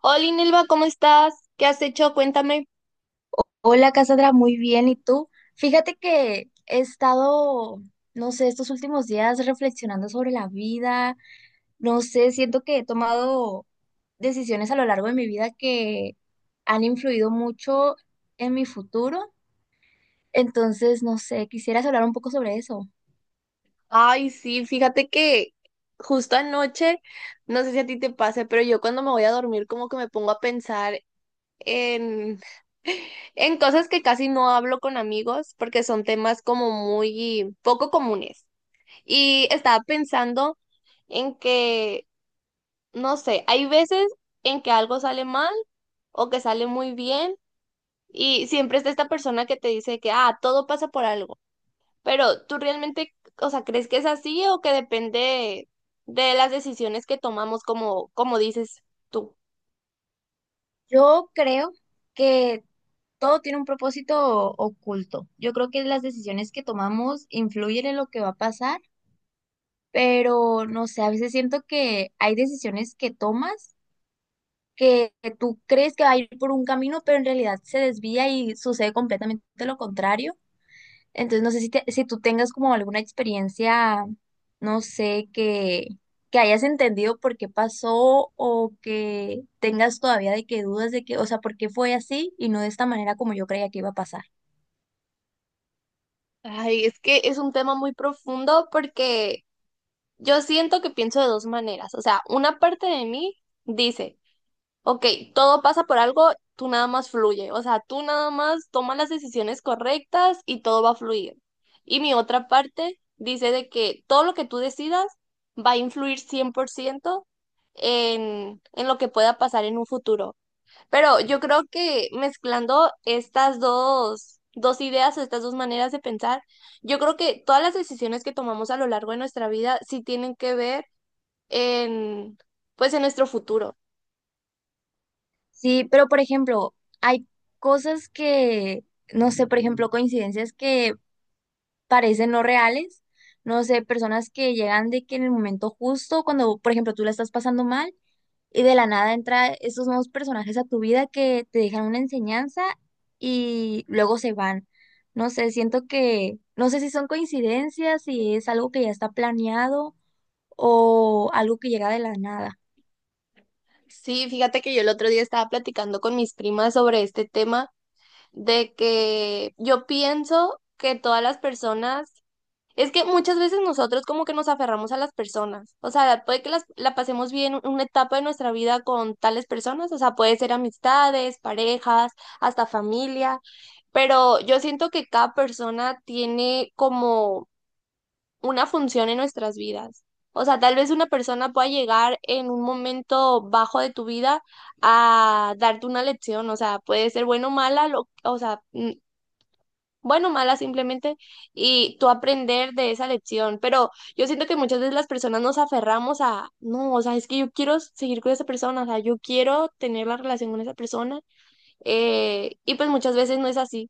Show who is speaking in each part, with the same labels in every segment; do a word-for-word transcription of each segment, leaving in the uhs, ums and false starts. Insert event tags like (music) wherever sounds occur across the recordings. Speaker 1: Hola, Nelva, ¿cómo estás? ¿Qué has hecho? Cuéntame.
Speaker 2: Hola Cassandra, muy bien. ¿Y tú? Fíjate que he estado, no sé, estos últimos días reflexionando sobre la vida. No sé, siento que he tomado decisiones a lo largo de mi vida que han influido mucho en mi futuro. Entonces, no sé, quisieras hablar un poco sobre eso.
Speaker 1: Ay, sí, fíjate que justo anoche, no sé si a ti te pase, pero yo cuando me voy a dormir como que me pongo a pensar en, (laughs) en cosas que casi no hablo con amigos porque son temas como muy poco comunes. Y estaba pensando en que, no sé, hay veces en que algo sale mal o que sale muy bien y siempre está esta persona que te dice que, ah, todo pasa por algo. Pero tú realmente, o sea, ¿crees que es así o que depende de las decisiones que tomamos, como, como dices tú?
Speaker 2: Yo creo que todo tiene un propósito oculto. Yo creo que las decisiones que tomamos influyen en lo que va a pasar, pero no sé, a veces siento que hay decisiones que tomas que, que tú crees que va a ir por un camino, pero en realidad se desvía y sucede completamente lo contrario. Entonces, no sé si, te- si tú tengas como alguna experiencia, no sé, que, que hayas entendido por qué pasó o que tengas todavía de que dudas de que, o sea, por qué fue así y no de esta manera como yo creía que iba a pasar.
Speaker 1: Ay, es que es un tema muy profundo porque yo siento que pienso de dos maneras. O sea, una parte de mí dice, ok, todo pasa por algo, tú nada más fluye, o sea, tú nada más tomas las decisiones correctas y todo va a fluir. Y mi otra parte dice de que todo lo que tú decidas va a influir cien por ciento en, en lo que pueda pasar en un futuro. Pero yo creo que mezclando estas dos, dos ideas o estas dos maneras de pensar, yo creo que todas las decisiones que tomamos a lo largo de nuestra vida sí tienen que ver en, pues, en nuestro futuro.
Speaker 2: Sí, pero por ejemplo, hay cosas que, no sé, por ejemplo, coincidencias que parecen no reales. No sé, personas que llegan de que en el momento justo, cuando, por ejemplo, tú la estás pasando mal y de la nada entra estos nuevos personajes a tu vida que te dejan una enseñanza y luego se van. No sé, siento que, no sé si son coincidencias, si es algo que ya está planeado o algo que llega de la nada.
Speaker 1: Sí, fíjate que yo el otro día estaba platicando con mis primas sobre este tema de que yo pienso que todas las personas, es que muchas veces nosotros como que nos aferramos a las personas, o sea, puede que las, la pasemos bien una etapa de nuestra vida con tales personas, o sea, puede ser amistades, parejas, hasta familia, pero yo siento que cada persona tiene como una función en nuestras vidas. O sea, tal vez una persona pueda llegar en un momento bajo de tu vida a darte una lección. O sea, puede ser bueno o mala, lo- o sea, mm, bueno o mala simplemente, y tú aprender de esa lección. Pero yo siento que muchas veces las personas nos aferramos a, no, o sea, es que yo quiero seguir con esa persona, o sea, yo quiero tener la relación con esa persona. Eh, y pues muchas veces no es así.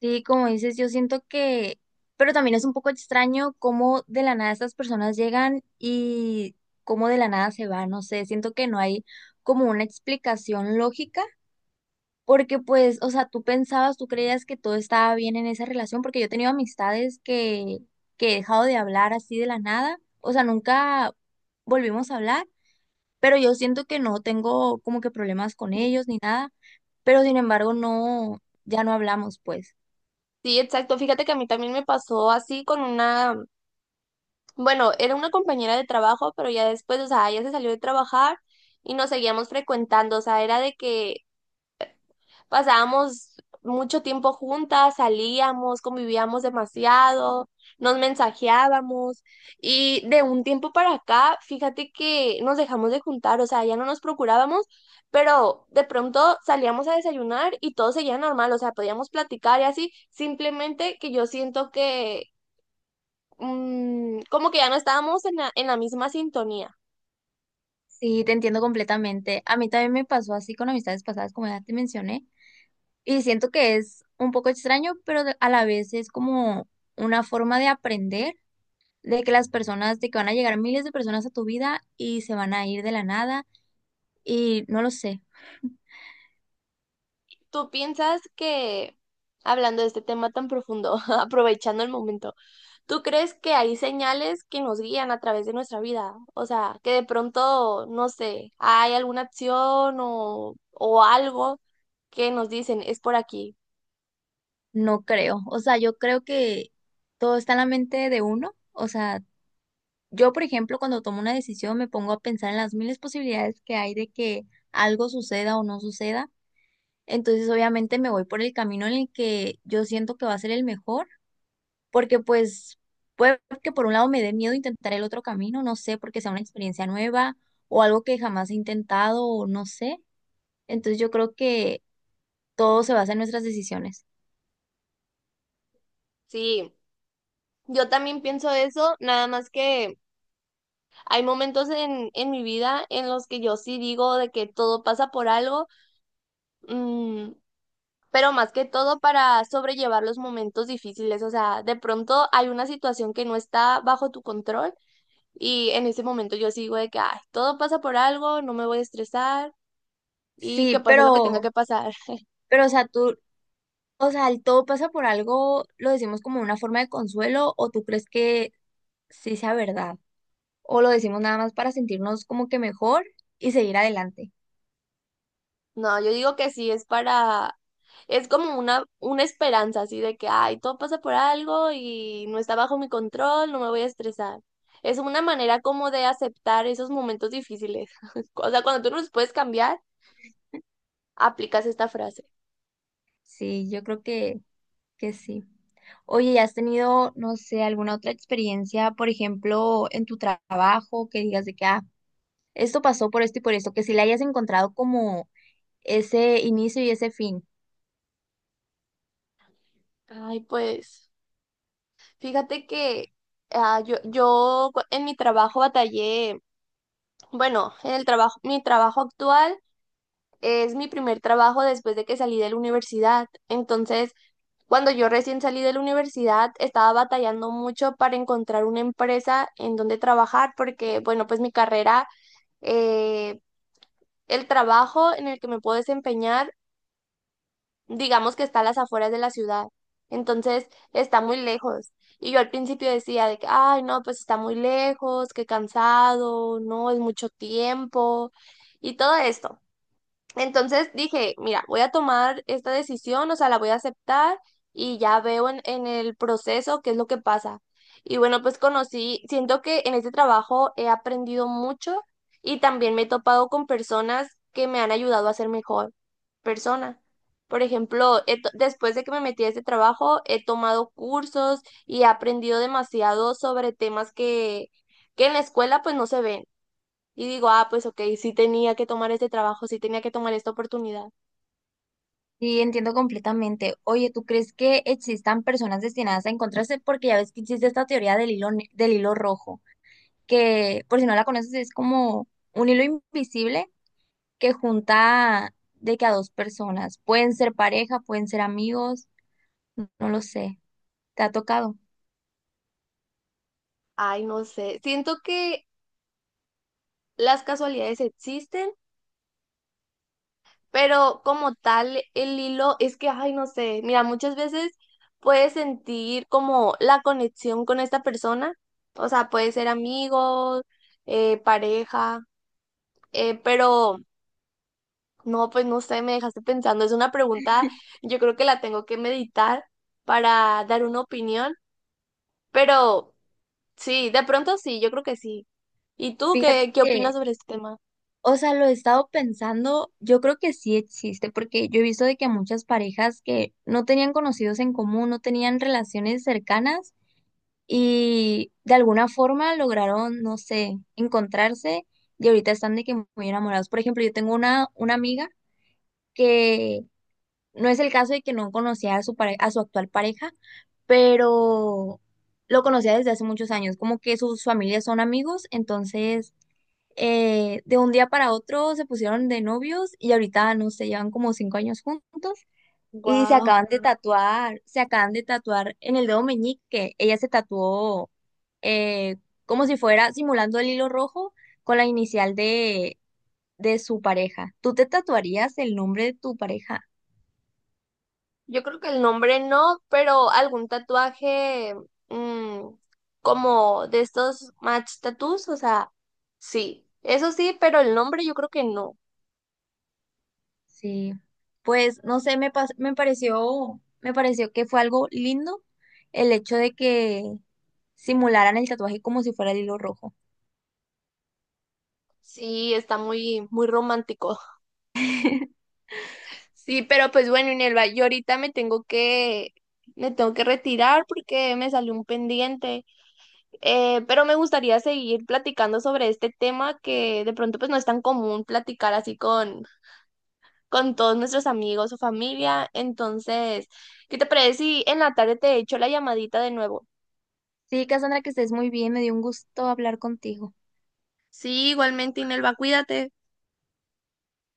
Speaker 2: Sí, como dices, yo siento que, pero también es un poco extraño cómo de la nada estas personas llegan y cómo de la nada se van, no sé, siento que no hay como una explicación lógica, porque pues, o sea, tú pensabas, tú creías que todo estaba bien en esa relación, porque yo he tenido amistades que, que he dejado de hablar así de la nada, o sea, nunca volvimos a hablar, pero yo siento que no tengo como que problemas con ellos ni nada, pero sin embargo no, ya no hablamos pues.
Speaker 1: Sí, exacto. Fíjate que a mí también me pasó así con una Bueno, era una compañera de trabajo, pero ya después, o sea, ella se salió de trabajar y nos seguíamos frecuentando, o sea, era de que pasábamos mucho tiempo juntas, salíamos, convivíamos demasiado, nos mensajeábamos y de un tiempo para acá, fíjate que nos dejamos de juntar, o sea, ya no nos procurábamos, pero de pronto salíamos a desayunar y todo seguía normal, o sea, podíamos platicar y así, simplemente que yo siento que mm, como que ya no estábamos en la, en la misma sintonía.
Speaker 2: Sí, te entiendo completamente. A mí también me pasó así con amistades pasadas, como ya te mencioné, y siento que es un poco extraño, pero de- a la vez es como una forma de aprender de que las personas, de que van a llegar miles de personas a tu vida y se van a ir de la nada, y no lo sé,
Speaker 1: ¿Tú piensas que, hablando de este tema tan profundo, (laughs) aprovechando el momento, ¿tú crees que hay señales que nos guían a través de nuestra vida? O sea, que de pronto, no sé, hay alguna acción o, o algo que nos dicen, es por aquí.
Speaker 2: no creo. O sea, yo creo que todo está en la mente de uno. O sea, yo, por ejemplo, cuando tomo una decisión me pongo a pensar en las miles posibilidades que hay de que algo suceda o no suceda. Entonces, obviamente me voy por el camino en el que yo siento que va a ser el mejor, porque pues puede que por un lado me dé miedo intentar el otro camino, no sé, porque sea una experiencia nueva o algo que jamás he intentado o no sé. Entonces, yo creo que todo se basa en nuestras decisiones.
Speaker 1: Sí. Yo también pienso eso, nada más que hay momentos en, en mi vida en los que yo sí digo de que todo pasa por algo, mm, pero más que todo para sobrellevar los momentos difíciles. O sea, de pronto hay una situación que no está bajo tu control y en ese momento yo sigo de que, ay, todo pasa por algo, no me voy a estresar y
Speaker 2: Sí,
Speaker 1: que pase lo que
Speaker 2: pero,
Speaker 1: tenga que pasar. (laughs)
Speaker 2: pero, o sea, tú, o sea, el todo pasa por algo, lo decimos como una forma de consuelo, o tú crees que sí sea verdad, o lo decimos nada más para sentirnos como que mejor y seguir adelante.
Speaker 1: No, yo digo que sí, es para, es como una, una esperanza así de que, ay, todo pasa por algo y no está bajo mi control, no me voy a estresar. Es una manera como de aceptar esos momentos difíciles. (laughs) O sea, cuando tú no los puedes cambiar, aplicas esta frase.
Speaker 2: Sí, yo creo que, que sí. Oye, ¿y has tenido, no sé, alguna otra experiencia, por ejemplo, en tu trabajo, que digas de que, ah, esto pasó por esto y por esto, que si le hayas encontrado como ese inicio y ese fin?
Speaker 1: Ay, pues fíjate que ah, yo, yo cu- en mi trabajo batallé, bueno, en el trabajo, mi trabajo actual es mi primer trabajo después de que salí de la universidad. Entonces, cuando yo recién salí de la universidad, estaba batallando mucho para encontrar una empresa en donde trabajar, porque, bueno, pues mi carrera, eh, el trabajo en el que me puedo desempeñar digamos que está a las afueras de la ciudad, entonces está muy lejos. Y yo al principio decía de que, ay, no, pues está muy lejos, qué cansado, no, es mucho tiempo y todo esto. Entonces dije, mira, voy a tomar esta decisión, o sea, la voy a aceptar y ya veo en, en el proceso qué es lo que pasa. Y bueno, pues conocí, siento que en este trabajo he aprendido mucho y también me he topado con personas que me han ayudado a ser mejor persona. Por ejemplo, he to- después de que me metí a este trabajo, he tomado cursos y he aprendido demasiado sobre temas que, que en la escuela pues no se ven. Y digo, ah, pues ok, sí tenía que tomar este trabajo, sí tenía que tomar esta oportunidad.
Speaker 2: Sí, entiendo completamente. Oye, ¿tú crees que existan personas destinadas a encontrarse? Porque ya ves que existe esta teoría del hilo, ne- del hilo rojo, que por si no la conoces es como un hilo invisible que junta de que a dos personas, pueden ser pareja, pueden ser amigos, no lo sé, ¿te ha tocado?
Speaker 1: Ay, no sé, siento que las casualidades existen, pero como tal, el hilo es que, ay, no sé, mira, muchas veces puedes sentir como la conexión con esta persona, o sea, puede ser amigos, eh, pareja, eh, pero no, pues no sé, me dejaste pensando, es una pregunta, yo creo que la tengo que meditar para dar una opinión, pero... Sí, de pronto sí, yo creo que sí. ¿Y tú
Speaker 2: Fíjate
Speaker 1: qué, qué
Speaker 2: que,
Speaker 1: opinas sobre este tema?
Speaker 2: o sea, lo he estado pensando, yo creo que sí existe, porque yo he visto de que muchas parejas que no tenían conocidos en común, no tenían relaciones cercanas y de alguna forma lograron, no sé, encontrarse y ahorita están de que muy enamorados. Por ejemplo, yo tengo una, una amiga que no es el caso de que no conocía a su pare- a su actual pareja, pero lo conocía desde hace muchos años, como que sus familias son amigos, entonces eh, de un día para otro se pusieron de novios y ahorita, no sé, llevan como cinco años juntos y se acaban
Speaker 1: Wow. (laughs)
Speaker 2: de tatuar, se acaban de tatuar en el dedo meñique. Ella se tatuó, eh, como si fuera simulando el hilo rojo con la inicial de, de su pareja. ¿Tú te tatuarías el nombre de tu pareja?
Speaker 1: Yo creo que el nombre no, pero algún tatuaje mm, como de estos match tattoos, o sea, sí. Eso sí, pero el nombre yo creo que no.
Speaker 2: Sí. Pues no sé, me, pas- me pareció, me pareció que fue algo lindo el hecho de que simularan el tatuaje como si fuera el hilo rojo.
Speaker 1: Sí, está muy, muy romántico. (laughs) Sí, pero pues bueno, Inelva, yo ahorita me tengo que, me tengo que retirar porque me salió un pendiente. Eh, pero me gustaría seguir platicando sobre este tema que de pronto pues no es tan común platicar así con, con todos nuestros amigos o familia. Entonces, ¿qué te parece si en la tarde te echo la llamadita de nuevo?
Speaker 2: Sí, Cassandra, que estés muy bien. Me dio un gusto hablar contigo.
Speaker 1: Sí, igualmente, Inelva, cuídate.